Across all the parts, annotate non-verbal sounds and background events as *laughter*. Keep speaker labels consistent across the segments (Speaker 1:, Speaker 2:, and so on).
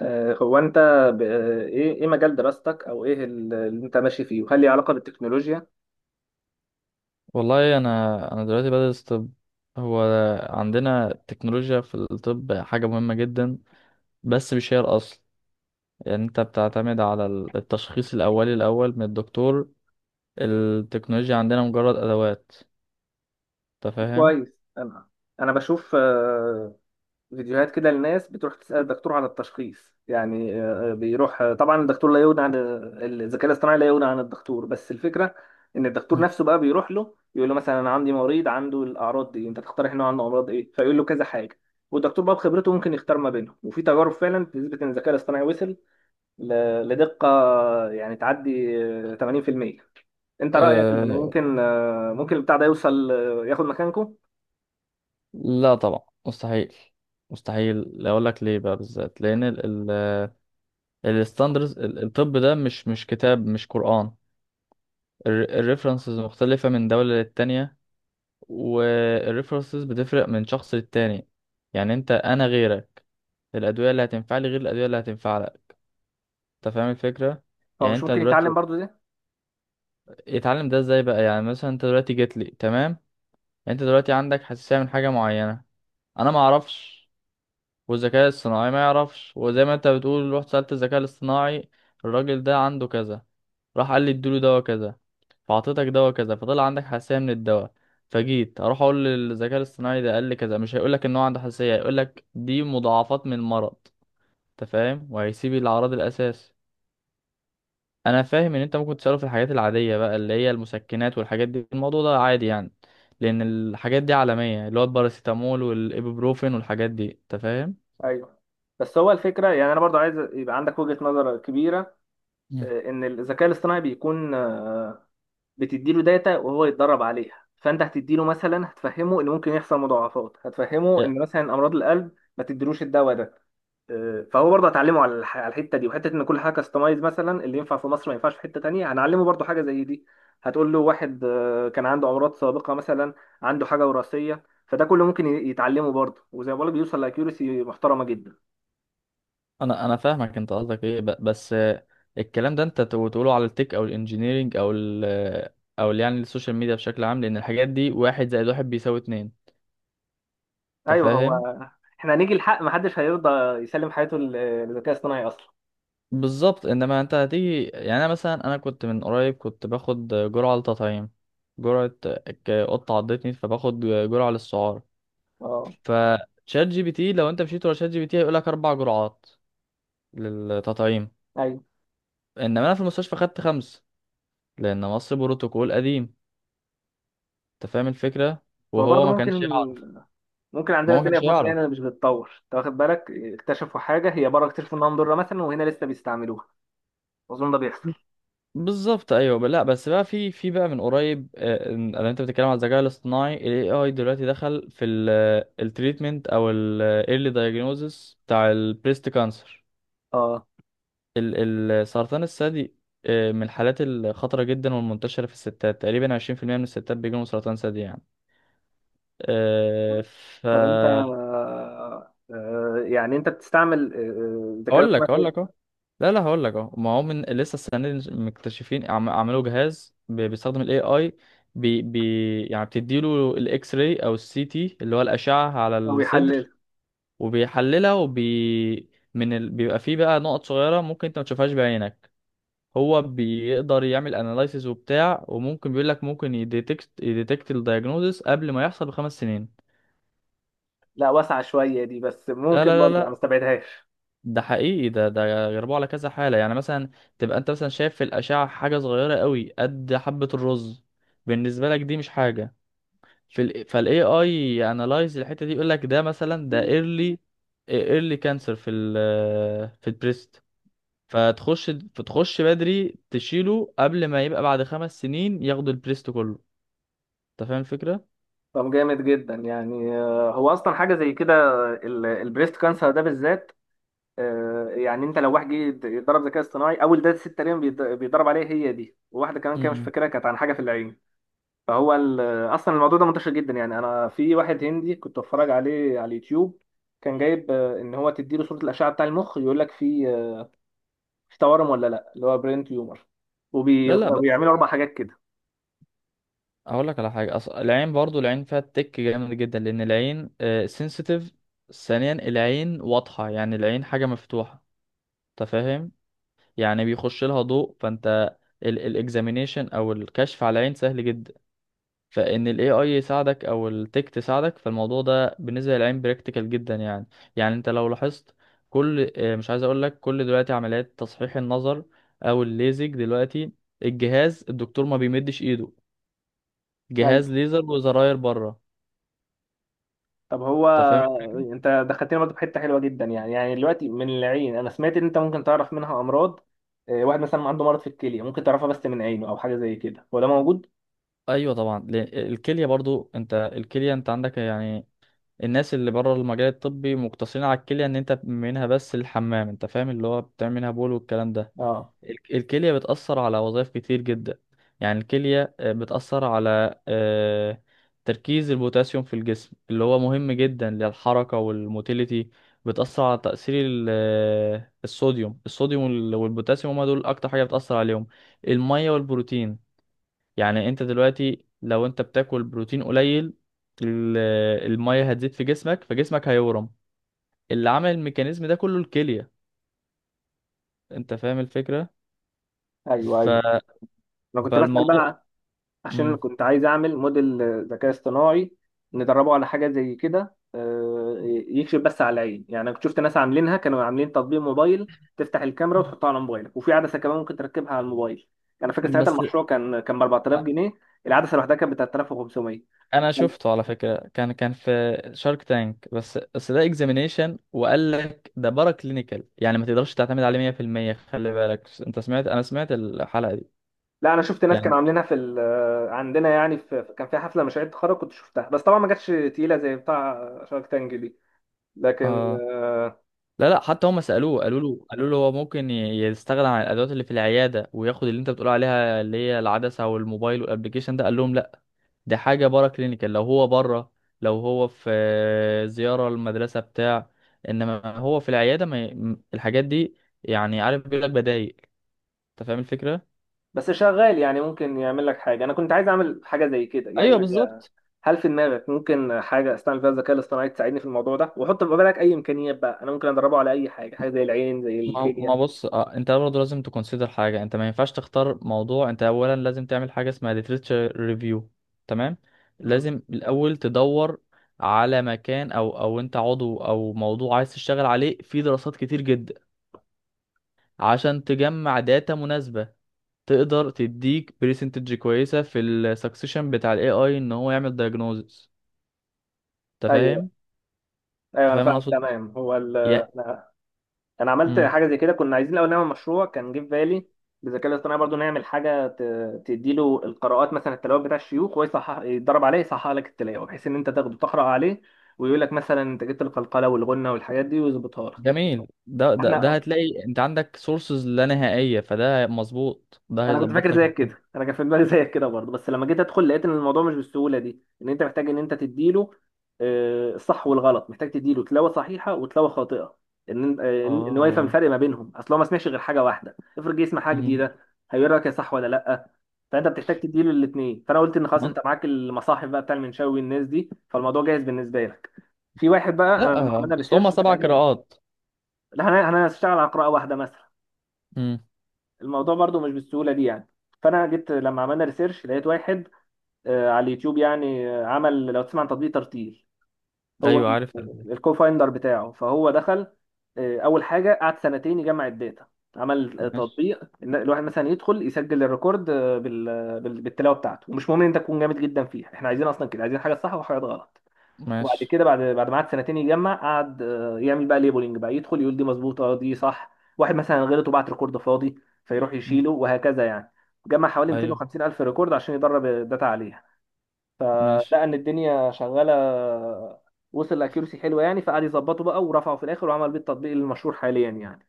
Speaker 1: هو انت ايه مجال دراستك او ايه اللي انت ماشي فيه، وهل ليه علاقه بالتكنولوجيا؟
Speaker 2: والله انا دلوقتي بدرس طب. هو عندنا التكنولوجيا في الطب حاجه مهمه جدا، بس مش هي الاصل. يعني انت بتعتمد على التشخيص الاولي الاول من الدكتور. التكنولوجيا عندنا مجرد ادوات. انت فاهم؟
Speaker 1: كويس. انا انا بشوف فيديوهات كده لناس بتروح تسال الدكتور على التشخيص، يعني بيروح، طبعا الدكتور لا يغني عن الذكاء الاصطناعي، لا يغني عن الدكتور، بس الفكره ان الدكتور
Speaker 2: مم.
Speaker 1: نفسه بقى بيروح له يقول له مثلا: انا عندي مريض عنده الاعراض دي، انت تقترح انه عنده امراض ايه؟ فيقول له كذا حاجه. والدكتور بقى بخبرته ممكن يختار ما بينهم، وفي تجارب فعلا بتثبت ان الذكاء الاصطناعي وصل لدقة يعني تعدي 80%. انت رأيك ان
Speaker 2: أه،
Speaker 1: ممكن ممكن البتاع ده يوصل ياخد مكانكم؟
Speaker 2: لا طبعا، مستحيل. مستحيل اقول لك ليه بقى بالذات لان ال الستاندرز الطب ده مش كتاب، مش قرآن. الريفرنسز مختلفه من دوله للتانية، والريفرنسز بتفرق من شخص للتاني. يعني انت انا غيرك، الادويه اللي هتنفع لي غير الادويه اللي هتنفع لك. انت فاهم الفكره؟
Speaker 1: هو
Speaker 2: يعني
Speaker 1: مش
Speaker 2: انت
Speaker 1: ممكن يتعلم
Speaker 2: دلوقتي
Speaker 1: برضو ده؟
Speaker 2: اتعلم ده ازاي بقى؟ يعني مثلا انت دلوقتي جيت لي، تمام، انت دلوقتي عندك حساسيه من حاجه معينه، انا ما اعرفش والذكاء الصناعي ما يعرفش. وزي ما انت بتقول رحت سألت الذكاء الاصطناعي، الراجل ده عنده كذا، راح قال لي اديله دواء كذا، فعطيتك دواء كذا، فطلع عندك حساسية من الدواء. فجيت اروح اقول للذكاء الاصطناعي، ده قال لي كذا، مش هيقول لك ان هو عنده حساسية، هيقول لك دي مضاعفات من المرض. انت فاهم؟ وهيسيب العرض الاساسي. انا فاهم ان انت ممكن تسأله في الحاجات العادية بقى، اللي هي المسكنات والحاجات دي، الموضوع ده عادي يعني. لان الحاجات دي عالمية، اللي هو الباراسيتامول والابوبروفين والحاجات دي، انت فاهم.
Speaker 1: ايوه، بس هو الفكرة، يعني انا برضو عايز يبقى عندك وجهة نظر كبيرة.
Speaker 2: مم.
Speaker 1: ان الذكاء الاصطناعي بيكون، بتديله داتا وهو يتدرب عليها، فانت هتديله مثلا، هتفهمه ان ممكن يحصل مضاعفات، هتفهمه ان مثلا امراض القلب ما تديلوش الدواء ده. فهو برضه هتعلمه على الحته دي، وحته ان كل حاجه كاستمايز، مثلا اللي ينفع في مصر ما ينفعش في حته تانية، هنعلمه برضه حاجه زي دي. هتقول له واحد كان عنده امراض سابقه مثلا، عنده حاجه وراثيه، فده كله ممكن يتعلمه برضه، وزي ما بقولك بيوصل لاكيورسي محترمه جدا.
Speaker 2: انا فاهمك انت قصدك ايه؟ بس الكلام ده انت تقوله على التك او الانجينيرينج او ال، يعني السوشيال ميديا بشكل عام، لان الحاجات دي واحد زائد واحد بيساوي اتنين. انت
Speaker 1: ايوه هو،
Speaker 2: فاهم؟
Speaker 1: احنا هنيجي الحق محدش هيرضى يسلم حياته للذكاء الاصطناعي اصلا.
Speaker 2: بالظبط. انما انت هتيجي، يعني انا مثلا انا كنت من قريب كنت باخد جرعه للتطعيم، جرعه، قطه عضتني فباخد جرعه للسعار.
Speaker 1: اه.
Speaker 2: فشات جي بي تي، لو انت مشيت ورا شات جي بي تي هيقول لك اربع جرعات للتطعيم،
Speaker 1: ايوه،
Speaker 2: انما انا في المستشفى خدت خمس، لان مصر بروتوكول قديم. انت فاهم الفكرة؟
Speaker 1: هو
Speaker 2: وهو
Speaker 1: برضه
Speaker 2: ما
Speaker 1: ممكن
Speaker 2: كانش يعرف.
Speaker 1: ممكن
Speaker 2: ما
Speaker 1: عندنا
Speaker 2: هو ما
Speaker 1: الدنيا
Speaker 2: كانش
Speaker 1: في مصر
Speaker 2: يعرف.
Speaker 1: هنا مش بتتطور، انت واخد بالك؟ اكتشفوا حاجه هي بره، اكتشفوا انها مضره مثلا، وهنا لسه بيستعملوها. اظن ده بيحصل.
Speaker 2: بالظبط، ايوه. لا بس بقى، في بقى من قريب، إن انت بتتكلم على الذكاء الاصطناعي، ال AI دلوقتي دخل في التريتمنت او ال early diagnosis بتاع البريست كانسر،
Speaker 1: اه.
Speaker 2: السرطان الثدي. من الحالات الخطرة جدا والمنتشرة في الستات، تقريبا 20% من الستات بيجيلهم سرطان ثدي يعني. آه، ف
Speaker 1: طب انت يعني انت بتستعمل الذكاء
Speaker 2: هقول لك
Speaker 1: الاصطناعي
Speaker 2: هقول لك
Speaker 1: كويس؟
Speaker 2: اهو. لا لا، هقول لك اهو. ما هو من لسه السنه دي مكتشفين، عملوا جهاز بيستخدم الاي اي، بي يعني، بتديله الاكس راي او السي تي اللي هو الاشعه على
Speaker 1: او
Speaker 2: الصدر،
Speaker 1: يحلل.
Speaker 2: وبيحللها، بيبقى فيه بقى نقط صغيره ممكن انت ما تشوفهاش بعينك، هو بيقدر يعمل اناليسيز وبتاع، وممكن بيقول لك ممكن يديتكت الدايجنوزس قبل ما يحصل بخمس سنين.
Speaker 1: لا، واسعه شويه دي، بس
Speaker 2: لا
Speaker 1: ممكن
Speaker 2: لا
Speaker 1: برضه يعني ما
Speaker 2: لا
Speaker 1: استبعدهاش.
Speaker 2: ده حقيقي. ده جربوه على كذا حالة. يعني مثلا تبقى انت مثلا شايف في الأشعة حاجة صغيرة قوي قد حبة الرز، بالنسبة لك دي مش حاجة، في ال فال AI analyze الحتة دي يقول لك ده مثلا ده early، early cancer في ال، في البريست. فتخش بدري تشيله قبل ما يبقى بعد خمس سنين ياخدوا البريست كله. انت فاهم الفكرة؟
Speaker 1: طب جامد جدا يعني، هو اصلا حاجه زي كده البريست كانسر ده بالذات. يعني انت لو واحد جه يتدرب ذكاء اصطناعي، اول داتا ست تقريبا بيتدرب عليها هي دي، وواحده كمان كده مش
Speaker 2: مم.
Speaker 1: فاكرها، كانت عن حاجه في العين. فهو ال- اصلا الموضوع ده منتشر جدا يعني، انا في واحد هندي كنت بتفرج عليه على اليوتيوب. كان جايب ان هو تديله صوره الاشعه بتاع المخ، يقول لك في مش تورم ولا لا، اللي هو برين تيومر،
Speaker 2: لا
Speaker 1: وبيعملوا اربع حاجات كده.
Speaker 2: اقول لك على حاجه، العين برضو، العين فيها تك جامد جدا، لان العين سنسيتيف. ثانيا العين واضحه، يعني العين حاجه مفتوحه، انت فاهم، يعني بيخش لها ضوء. فانت الاكزامينيشن او الكشف على العين سهل جدا، فان الاي اي يساعدك او التك تساعدك، فالموضوع ده بالنسبه للعين براكتيكال جدا يعني. يعني انت لو لاحظت كل، مش عايز اقول لك كل، دلوقتي عمليات تصحيح النظر او الليزك دلوقتي، الجهاز، الدكتور ما بيمدش ايده،
Speaker 1: ايوه.
Speaker 2: جهاز ليزر وزراير بره.
Speaker 1: طب هو
Speaker 2: انت فاهم؟
Speaker 1: انت دخلتني برضه في حته حلوه جدا يعني دلوقتي من العين، انا سمعت ان انت ممكن تعرف منها امراض. واحد مثلا عنده مرض في الكليه، ممكن تعرفها بس من عينه او حاجه زي كده، هو ده موجود؟
Speaker 2: ايوه طبعا، لأن الكليه برضو. انت الكليه انت عندك يعني، الناس اللي بره المجال الطبي مقتصرين على الكليه ان انت منها بس الحمام، انت فاهم، اللي هو بتعمل منها بول والكلام ده.
Speaker 1: اه.
Speaker 2: الكليه بتاثر على وظائف كتير جدا. يعني الكليه بتاثر على تركيز البوتاسيوم في الجسم اللي هو مهم جدا للحركه والموتيليتي. بتاثر على تاثير الصوديوم، الصوديوم والبوتاسيوم هما دول اكتر حاجه بتاثر عليهم، الميه والبروتين. يعني انت دلوقتي لو انت بتاكل بروتين قليل، ال- المية هتزيد في جسمك فجسمك هيورم، اللي عمل الميكانيزم ده كله الكلية. انت فاهم الفكرة؟
Speaker 1: ايوه،
Speaker 2: ف...
Speaker 1: ايوه، انا كنت بسال
Speaker 2: فالموضوع.
Speaker 1: بقى عشان
Speaker 2: مم.
Speaker 1: كنت عايز اعمل موديل ذكاء اصطناعي، ندربه على حاجه زي كده، يكشف بس على العين يعني. أنا كنت شفت ناس عاملينها، كانوا عاملين تطبيق موبايل، تفتح الكاميرا وتحطها على موبايلك، وفي عدسه كمان ممكن تركبها على الموبايل. يعني انا فاكر ساعتها
Speaker 2: بس
Speaker 1: المشروع كان ب 4000 جنيه. العدسه لوحدها كانت ب 3500.
Speaker 2: انا شفته على فكرة، كان كان في شارك تانك. بس ده اكزامينيشن، وقال لك ده بارا كلينيكال، يعني ما تقدرش تعتمد عليه 100%. خلي بالك انت سمعت، انا سمعت الحلقة دي
Speaker 1: لا، انا شفت ناس
Speaker 2: يعني.
Speaker 1: كانوا عاملينها في عندنا يعني، كان في حفله مشاريع تخرج كنت شفتها، بس طبعا ما جاتش تقيله زي بتاع شارك تانج دي. لكن
Speaker 2: اه.
Speaker 1: آه،
Speaker 2: لا لا، حتى هم سألوه، قالوا له، قالوا له هو ممكن يستغنى عن الأدوات اللي في العيادة وياخد اللي أنت بتقول عليها، اللي هي العدسة والموبايل والأبليكيشن ده، قال لهم لا، دي حاجة بره كلينيكال. لو هو بره، لو هو في زيارة المدرسة بتاع، إنما هو في العيادة ما الحاجات دي. يعني عارف بيقول لك بدايل. أنت فاهم الفكرة؟
Speaker 1: بس شغال، يعني ممكن يعمل لك حاجة، أنا كنت عايز أعمل حاجة زي كده يعني.
Speaker 2: أيوه بالظبط.
Speaker 1: هل في دماغك ممكن حاجة أستعمل فيها الذكاء الاصطناعي تساعدني في الموضوع ده؟ وحط في بالك أي إمكانيات بقى، أنا ممكن أدربه على أي حاجة، حاجة زي العين، زي
Speaker 2: ما
Speaker 1: الكلية.
Speaker 2: بص، انت برضه لازم تكونسيدر حاجه، انت ما ينفعش تختار موضوع، انت اولا لازم تعمل حاجه اسمها literature review. تمام.
Speaker 1: مم.
Speaker 2: لازم الاول تدور على مكان او، او انت عضو او موضوع عايز تشتغل عليه في دراسات كتير جدا، عشان تجمع داتا مناسبه تقدر تديك بريسنتج كويسه في السكسيشن بتاع الاي اي ان هو يعمل diagnosis. انت
Speaker 1: أيوه،
Speaker 2: فاهم؟
Speaker 1: أيوه،
Speaker 2: انت
Speaker 1: أنا
Speaker 2: فاهم انا
Speaker 1: فاهمك
Speaker 2: اقصد؟
Speaker 1: تمام. هو
Speaker 2: يا.
Speaker 1: أنا أنا عملت
Speaker 2: مم.
Speaker 1: حاجة زي كده، كنا عايزين الأول نعمل مشروع كان جه في بالي بالذكاء الاصطناعي برضو، نعمل حاجة تديله القراءات مثلا التلاوة بتاع الشيوخ، وهو يصحح، يتدرب عليه يصحح لك التلاوة، بحيث إن أنت تاخده تقرأ عليه، ويقول لك مثلا أنت جبت القلقلة والغنة والحاجات دي ويظبطها لك.
Speaker 2: جميل، ده
Speaker 1: احنا.
Speaker 2: هتلاقي انت عندك سورسز لا نهائية، فده مظبوط، ده
Speaker 1: انا كنت
Speaker 2: هيظبط
Speaker 1: فاكر
Speaker 2: لك
Speaker 1: زيك
Speaker 2: الدنيا.
Speaker 1: كده، انا كان في دماغي زيك كده برضه، بس لما جيت ادخل لقيت ان الموضوع مش بالسهوله دي، ان انت محتاج ان انت تديله الصح والغلط، محتاج تديله تلاوه صحيحه وتلاوه خاطئه. ان هو يفهم
Speaker 2: اه.
Speaker 1: الفرق ما بينهم، اصل هو ما سمعش غير حاجه واحده، افرض جه يسمع حاجه
Speaker 2: مم.
Speaker 1: جديده هيقول لك يا صح ولا لا. فانت بتحتاج تديله الاثنين، فانا قلت ان خلاص،
Speaker 2: من-
Speaker 1: انت معاك المصاحف بقى بتاع المنشاوي والناس دي، فالموضوع جاهز بالنسبه لك. في واحد بقى، لما
Speaker 2: لا
Speaker 1: عملنا
Speaker 2: اصل هما
Speaker 1: ريسيرش
Speaker 2: سبع
Speaker 1: لقينا.
Speaker 2: قراءات.
Speaker 1: لا، انا هشتغل على قراءه واحده مثلا.
Speaker 2: مم.
Speaker 1: الموضوع برضو مش بالسهولة دي يعني. فأنا جيت لما عملنا ريسيرش لقيت واحد على اليوتيوب، يعني عمل، لو تسمع عن تطبيق ترتيل. هو
Speaker 2: ايوه عارف الألباني.
Speaker 1: الكو فايندر بتاعه، فهو دخل. أول حاجة قعد سنتين يجمع الداتا. عمل
Speaker 2: ماشي،
Speaker 1: تطبيق إن الواحد مثلا يدخل يسجل الريكورد بالتلاوة بتاعته، ومش مهم إن أنت تكون جامد جدا فيها، إحنا عايزين أصلا كده عايزين حاجة صح وحاجات غلط. وبعد
Speaker 2: ماشي.
Speaker 1: كده، بعد ما قعد سنتين يجمع، قعد يعمل بقى ليبلنج، بقى يدخل يقول دي مظبوطه، دي صح، واحد مثلا غلط وبعت ريكورد فاضي، فيروح
Speaker 2: مم.
Speaker 1: يشيله وهكذا يعني. جمع حوالي
Speaker 2: ايوه.
Speaker 1: 250 الف ريكورد عشان يدرب الداتا عليها،
Speaker 2: ماشي.
Speaker 1: فلقى ان الدنيا شغاله، وصل لاكيورسي حلوه يعني، فقعد يظبطه بقى ورفعه في الاخر وعمل بيه التطبيق المشهور حاليا يعني.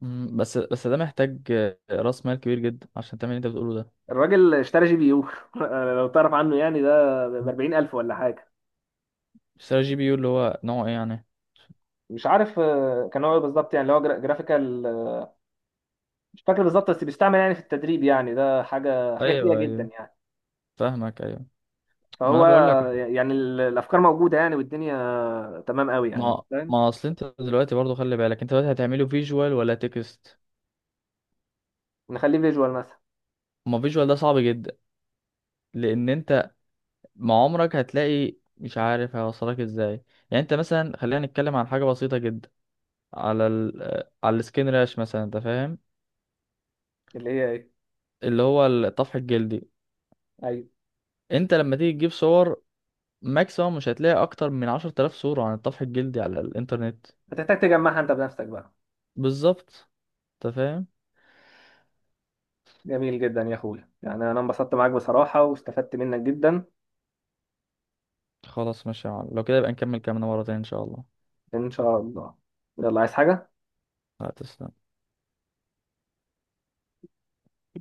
Speaker 2: بس ده محتاج، راس مال كبير جدا عشان تعمل اللي انت بتقوله ده.
Speaker 1: الراجل اشترى جي بي يو *laughs* لو تعرف عنه، يعني ده ب
Speaker 2: مم.
Speaker 1: 40000 ولا حاجه.
Speaker 2: اشتري جي بي يو اللي هو نوعه ايه يعني؟
Speaker 1: مش عارف، كان هو إيه بالظبط، يعني اللي هو جرافيكال. مش فاكر بالظبط، بس بيستعمل يعني في التدريب، يعني ده حاجه تقيله
Speaker 2: ايوه
Speaker 1: جدا
Speaker 2: ايوه
Speaker 1: يعني.
Speaker 2: فاهمك، ايوه. ما انا
Speaker 1: فهو.
Speaker 2: بقول لك.
Speaker 1: يعني الافكار موجوده يعني والدنيا تمام قوي يعني،
Speaker 2: ما
Speaker 1: فاهم.
Speaker 2: ما اصل انت دلوقتي برضو خلي بالك انت دلوقتي هتعمله فيجوال ولا تكست؟
Speaker 1: نخليه فيجوال مثلا.
Speaker 2: ما فيجوال ده صعب جدا، لان انت مع عمرك هتلاقي مش عارف هيوصلك ازاي. يعني انت مثلا خلينا نتكلم عن حاجه بسيطه جدا، على ال... آه، على السكين راش مثلا، انت فاهم،
Speaker 1: اللي هي ايه؟
Speaker 2: اللي هو الطفح الجلدي.
Speaker 1: ايوه.
Speaker 2: انت لما تيجي تجيب صور، ماكسيموم مش هتلاقي اكتر من 10,000 صوره عن الطفح الجلدي على الانترنت.
Speaker 1: هتحتاج تجمعها انت بنفسك بقى.
Speaker 2: بالظبط. انت فاهم.
Speaker 1: جميل جدا يا اخويا، يعني انا انبسطت معاك بصراحه واستفدت منك جدا.
Speaker 2: خلاص ماشي يا معلم، لو كده يبقى نكمل كلامنا مره تانية ان شاء الله.
Speaker 1: ان شاء الله. يلا، عايز حاجه؟
Speaker 2: هتسلم.